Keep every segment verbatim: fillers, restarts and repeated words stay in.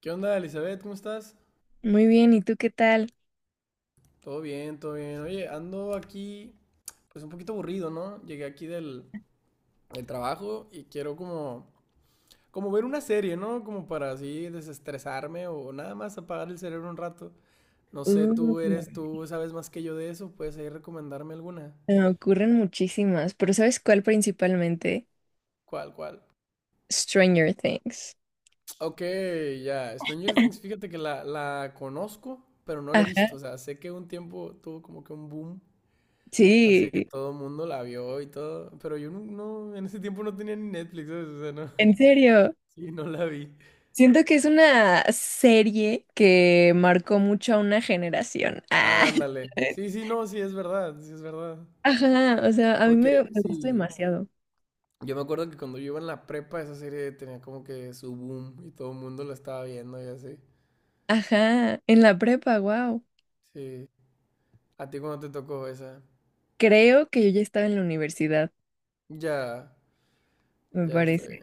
¿Qué onda, Elizabeth? ¿Cómo estás? Muy bien, ¿y tú qué tal? Todo bien, todo bien. Oye, ando aquí, pues un poquito aburrido, ¿no? Llegué aquí del, del trabajo y quiero como, como ver una serie, ¿no? Como para así desestresarme o nada más apagar el cerebro un rato. No Uh, sé, tú eres, tú sabes más que yo de eso, puedes ahí recomendarme alguna. Me ocurren muchísimas, pero ¿sabes cuál principalmente? ¿Cuál, cuál? Stranger Things. Ok, ya. Stranger Things, fíjate que la, la conozco, pero no la he visto. Ajá, O sea, sé que un tiempo tuvo como que un boom. Así que sí, todo el mundo la vio y todo. Pero yo no, no- en ese tiempo no tenía ni Netflix, ¿sabes? O sea, no. en serio. Sí, no la vi. Siento que es una serie que marcó mucho a una generación. Ah. Ándale. Sí, sí, no, sí, es verdad, sí, es verdad. Ajá, o sea, a mí Porque me, me gusta sí, demasiado. yo me acuerdo que cuando yo iba en la prepa, esa serie tenía como que su boom y todo el mundo la estaba viendo y así. Ajá, en la prepa, wow. Sí. ¿A ti cuando te tocó esa? Creo que yo ya estaba en la universidad, Ya, me ya está parece. bien.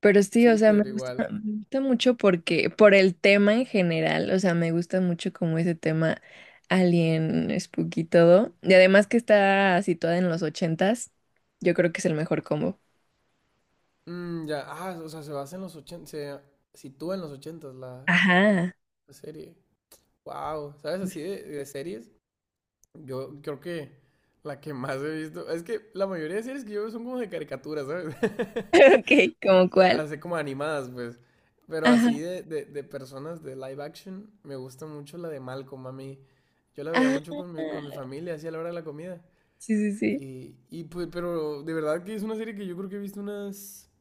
Pero sí, o Sí, sea, me pero gusta, igual. me gusta mucho porque, por el tema en general, o sea, me gusta mucho como ese tema alien, spooky y todo. Y además que está situada en los ochentas, yo creo que es el mejor combo. Mm, ya, ah, o sea, se basa en los ochenta, se sitúa en los ochentas la, Ajá. la serie. Wow, ¿sabes así de de series? Yo creo que la que más he visto, es que la mayoría de series que yo veo son como de caricaturas, ¿sabes? Ok, ¿como O sea, cuál? así como animadas, pues. Pero Ajá. así de, de, de personas de live action, me gusta mucho la de Malcolm, a mí. Yo la veía mucho Ah, con mi, con mi familia, así a la hora de la comida. sí, sí, sí. Y, y pues, pero de verdad que es una serie que yo creo que he visto unas,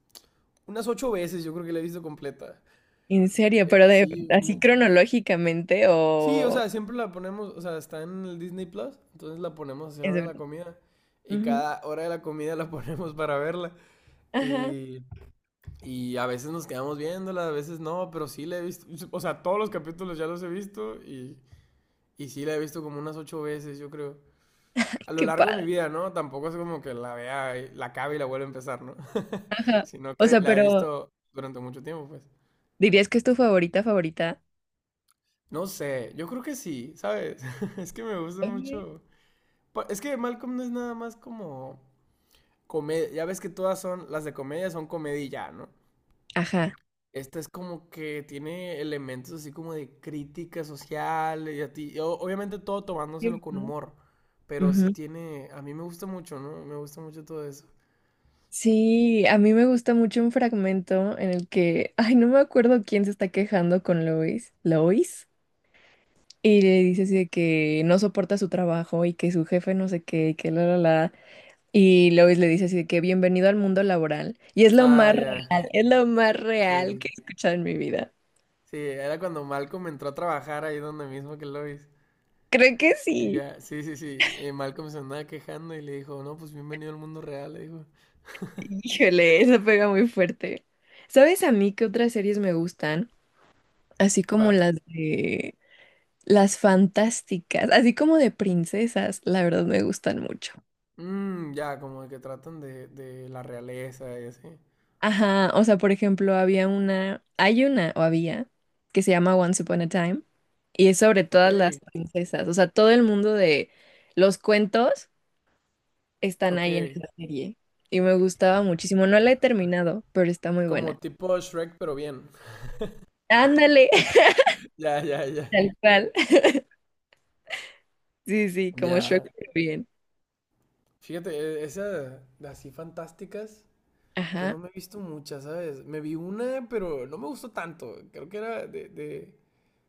unas ocho veces, yo creo que la he visto completa. En serio, Eh, pero de Sí, así cronológicamente sí, o sea, o siempre la ponemos, o sea, está en el Disney Plus, entonces la ponemos a hacer la es hora de de la verdad. comida. Y Ujú. cada hora de la comida la ponemos para verla. Ajá, Y, y a veces nos quedamos viéndola, a veces no, pero sí la he visto. O sea, todos los capítulos ya los he visto y, y sí la he visto como unas ocho veces, yo creo. A lo qué largo de mi padre. vida, ¿no? Tampoco es como que la vea, y la acabe y la vuelva a empezar, ¿no? Ajá. Sino O que sea, la he pero visto durante mucho tiempo, pues. ¿dirías que es tu favorita favorita? No sé, yo creo que sí, ¿sabes? Es que me gusta Ujú. mucho. Pa- Es que Malcolm no es nada más como comedia. Ya ves que todas son, las de comedia son comedia y ya, ¿no? Ajá. Esta es como que tiene elementos así como de crítica social y a ti. O- obviamente todo Sí. tomándoselo con humor. Pero sí Ujú. tiene. A mí me gusta mucho, ¿no? Me gusta mucho todo eso. Sí, a mí me gusta mucho un fragmento en el que, ay, no me acuerdo quién se está quejando con Lois, Lois, y le dice así de que no soporta su trabajo y que su jefe no sé qué, y que la, la, la, y Lois le dice así de que bienvenido al mundo laboral, y es lo Ah, más ya. real, es lo más real Sí. que he escuchado en mi vida. Sí, era cuando Malcolm entró a trabajar ahí donde mismo que Lois. Creo que Y sí. ya, sí, sí, sí. eh, Malcolm se andaba quejando y le dijo, no, pues bienvenido al mundo real, le dijo. Híjole, eso pega muy fuerte. ¿Sabes a mí qué otras series me gustan? Así como ¿Cuál? las de... Las fantásticas, así como de princesas, la verdad me gustan mucho. Mm, ya, como que tratan de, de la realeza y así. Ajá, o sea, por ejemplo, había una, hay una o había que se llama Once Upon a Time y es sobre Ok, todas las princesas, o sea, todo el mundo de los cuentos están ok. ahí en esa serie y me gustaba muchísimo. No la he terminado, pero está muy buena. Como tipo Shrek, pero bien. Ándale, Ya, ya, ya. tal cual. Sí, sí, como Shrek, Ya. pero bien. Fíjate, e- esas de así fantásticas, yo no Ajá. me he visto muchas, ¿sabes? Me vi una, pero no me gustó tanto. Creo que era de, de-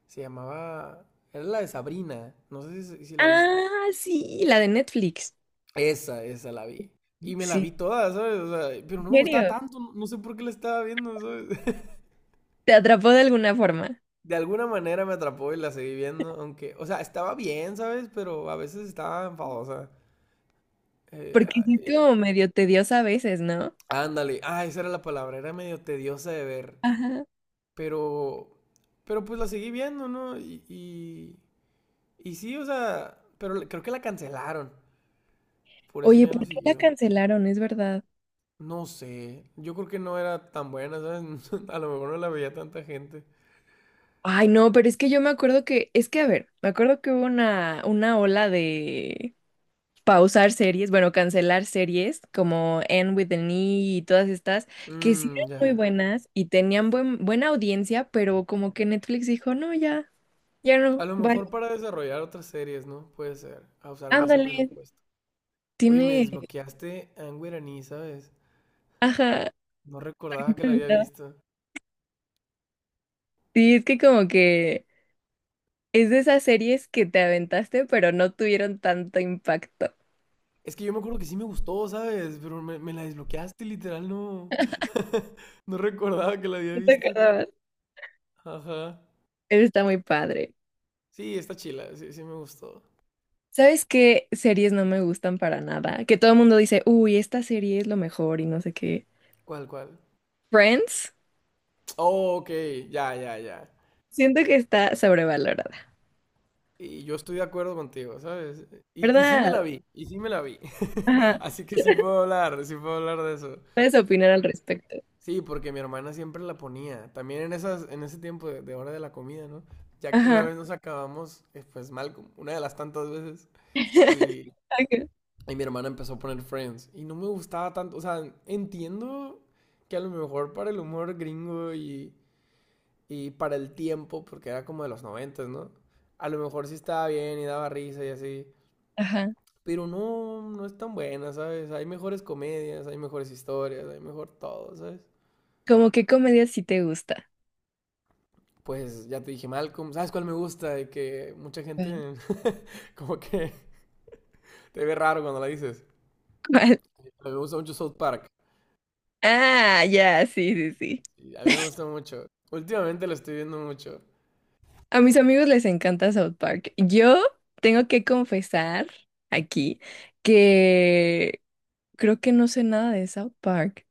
se llamaba, era la de Sabrina. No sé si, si si la viste. Ah, sí, la de Netflix. Esa, esa la vi. Y me la Sí, vi toda, ¿sabes? O sea, pero ¿en no me gustaba serio? tanto, no no sé por qué la estaba viendo, ¿sabes? ¿Te atrapó de alguna forma? De alguna manera me atrapó y la seguí viendo, aunque, o sea, estaba bien, ¿sabes? Pero a veces estaba enfadosa. Eh, Porque sí es era- como medio tediosa a veces, ¿no? Ándale, ah, esa era la palabra, era medio tediosa de ver, Ajá. pero, pero pues la seguí viendo, ¿no? Y, y, y sí, o sea, pero le- creo que la cancelaron, por eso Oye, ya no ¿por qué la siguió. cancelaron? Es verdad. No sé, yo creo que no era tan buena, ¿sabes? A lo mejor no la veía tanta gente. Ay, no, pero es que yo me acuerdo que, es que a ver, me acuerdo que hubo una, una ola de pausar series, bueno, cancelar series como End with the Knee y todas estas, que sí Mmm, eran muy ya. buenas y tenían buen, buena audiencia, pero como que Netflix dijo, no, ya, ya A no, lo vale, mejor para desarrollar otras series, ¿no? Puede ser, ah, usaron ese ándale, presupuesto. Oye, me tiene, desbloqueaste Angwer Annie, ¿sabes? ajá, No recordaba que la había visto. sí, es que como que es de esas series que te aventaste, pero no tuvieron tanto impacto. Es que yo me acuerdo que sí me gustó, ¿sabes? Pero me, me la desbloqueaste, literal, no. No recordaba que la había No te visto. acordabas. Ajá. Está muy padre. Sí, está chila, sí, sí me gustó. ¿Sabes qué series no me gustan para nada? Que todo el mundo dice, uy, esta serie es lo mejor y no sé qué. ¿Cuál, cuál? Friends, Oh, ok, ya, ya, ya. siento que está sobrevalorada, Y yo estoy de acuerdo contigo, ¿sabes? Y, y sí me la ¿verdad? vi, y sí me la vi. Ajá. Así que sí puedo hablar, sí puedo hablar de eso. Puedes opinar al respecto. Sí, porque mi hermana siempre la ponía. También en esas, en ese tiempo de, de hora de la comida, ¿no? Ya una Ajá. vez nos acabamos, eh, pues mal, como una de las tantas veces, y, Ok. y mi hermana empezó a poner Friends. Y no me gustaba tanto. O sea, entiendo que a lo mejor para el humor gringo y, y para el tiempo, porque era como de los noventas, ¿no? A lo mejor sí estaba bien y daba risa y así. Ajá. Pero no, no es tan buena, ¿sabes? Hay mejores comedias, hay mejores historias, hay mejor todo, ¿sabes? ¿Cómo qué comedia sí te gusta? Pues ya te dije Malcolm, ¿sabes cuál me gusta? Y que mucha Bueno. gente como que te ve raro cuando la dices. ¿Cuál? Me gusta mucho South Park. Ah, ya, sí, sí, sí. Sí, a mí me gusta mucho. Últimamente lo estoy viendo mucho. A mis amigos les encanta South Park. Yo tengo que confesar aquí que creo que no sé nada de South Park.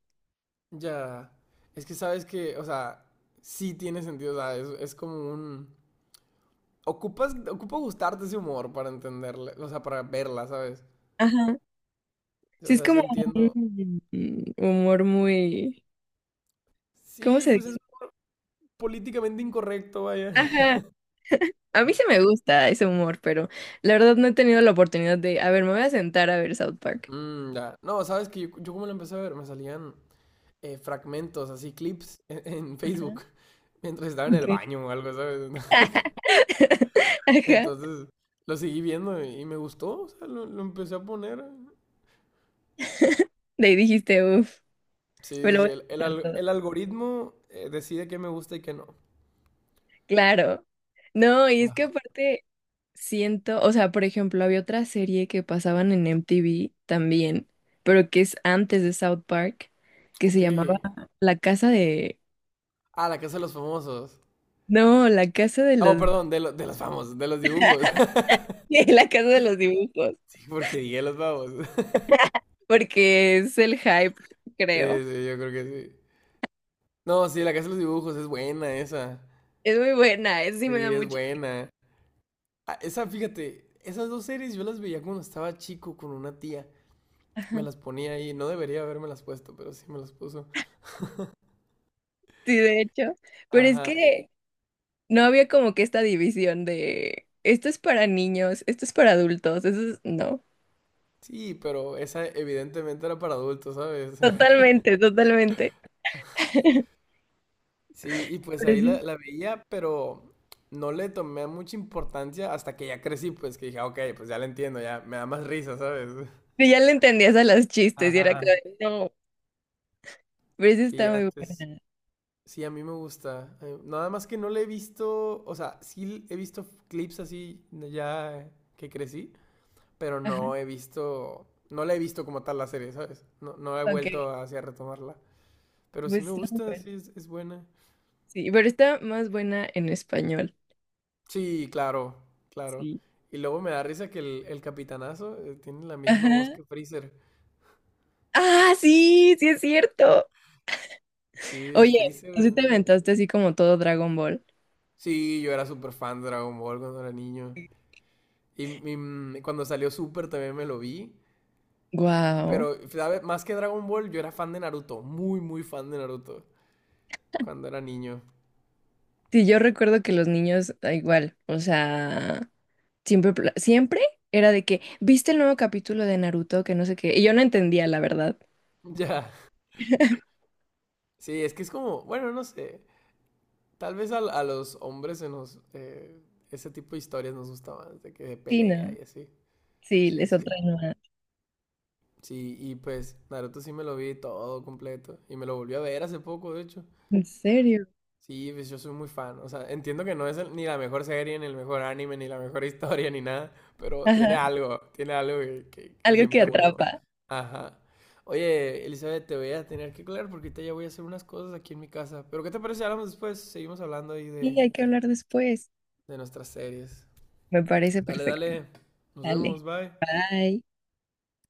Ya. Es que sabes que, o sea, sí tiene sentido. O sea, es, es como un. Ocupas, ocupa gustarte ese humor para entenderla, o sea, para verla, ¿sabes? Ajá. O Sí, es sea, sí como entiendo. un humor muy... ¿Cómo Sí, se pues es dice? políticamente incorrecto, vaya. Ajá. A mí sí me gusta ese humor, pero la verdad no he tenido la oportunidad de... A ver, me voy a sentar a ver South Park. Mm, ya. No, sabes que yo, yo como lo empecé a ver, me salían eh, fragmentos, así clips en, en, Facebook, mientras estaba en el Ok. baño o algo, ¿sabes? Ajá. Entonces lo seguí viendo y me gustó, o sea, lo, lo empecé a poner. De ahí dijiste, uff, me Sí, lo sí, voy a el, el, sentar al- todo. el algoritmo eh, decide qué me gusta y qué no. Claro. No, y es que Ajá. aparte... Siento, o sea, por ejemplo, había otra serie que pasaban en M T V también, pero que es antes de South Park, que se Ok. llamaba La Casa de... Ah, la casa de los famosos. No, La Casa de Oh, los... perdón, de, lo- de los famosos, de los dibujos. La Casa de los Dibujos, Sí, porque dije los famosos. porque es el hype, Sí, creo. sí, yo creo que sí. No, sí, la casa de los dibujos es buena esa. Es muy buena, es, sí me da Sí, es mucha... buena. Ah, esa, fíjate, esas dos series yo las veía cuando estaba chico con una tía. Ajá, Me las ponía ahí, no debería haberme las puesto, pero sí me las puso. sí, de hecho, pero es Ajá, eh, que no había como que esta división de esto es para niños, esto es para adultos, eso es... No, sí, pero esa evidentemente era para adultos, ¿sabes? totalmente, totalmente. Sí, y pues Pero ahí la, sí. la veía, pero no le tomé mucha importancia hasta que ya crecí, pues que dije, "Ah, ok, pues ya la entiendo, ya me da más risa, ¿sabes? Pero ya le entendías a los chistes y era Ajá. como, de, no, pero esa Sí, está muy antes, buena. sí, a mí me gusta. Eh, Nada más que no le he visto, o sea, sí he visto clips así ya que crecí. Pero Ajá, no he visto, no la he visto como tal la serie, ¿sabes? No, no he ok, vuelto hacia retomarla, pero sí pues me está muy gusta, buena. sí es, es buena. Sí, pero está más buena en español. Sí, claro, claro. Sí. Y luego me da risa que el, el capitanazo eh, tiene la misma voz Ajá. que Freezer. Ah, sí, sí es cierto. Sí, es Oye, Freezer. ¿tú sí te Mm. aventaste así como todo Dragon Ball? Sí, yo era súper fan de Dragon Ball cuando era niño. Y, y, mm, cuando salió Super también me lo vi. Y- Wow. Pero, sabes más que Dragon Ball, yo era fan de Naruto. Muy, muy fan de Naruto. Cuando era niño. Sí, yo recuerdo que los niños, da igual, o sea, siempre, pla- siempre era de que, ¿viste el nuevo capítulo de Naruto? Que no sé qué. Y yo no entendía, la verdad. Ya. Sí, es que es como, bueno, no sé. Tal vez a, a los hombres se nos, eh, ese tipo de historias nos gusta más, de que de Sí, pelea no. y así. Sí, Sí, les sí. otra nueva. Sí, y pues Naruto sí me lo vi todo completo. Y me lo volví a ver hace poco, de hecho. ¿En serio? Sí, pues yo soy muy fan. O sea, entiendo que no es el- ni la mejor serie, ni el mejor anime, ni la mejor historia, ni nada. Pero tiene Ajá. algo, tiene algo que, que- que Algo que siempre vuelo. atrapa. Ajá. Oye, Elizabeth, te voy a tener que colgar porque ahorita ya voy a hacer unas cosas aquí en mi casa. Pero ¿qué te parece si hablamos después? Seguimos hablando ahí de, Y hay que hablar después. de nuestras series. Me parece Dale, perfecto. dale. Nos vemos, Dale. bye. Bye.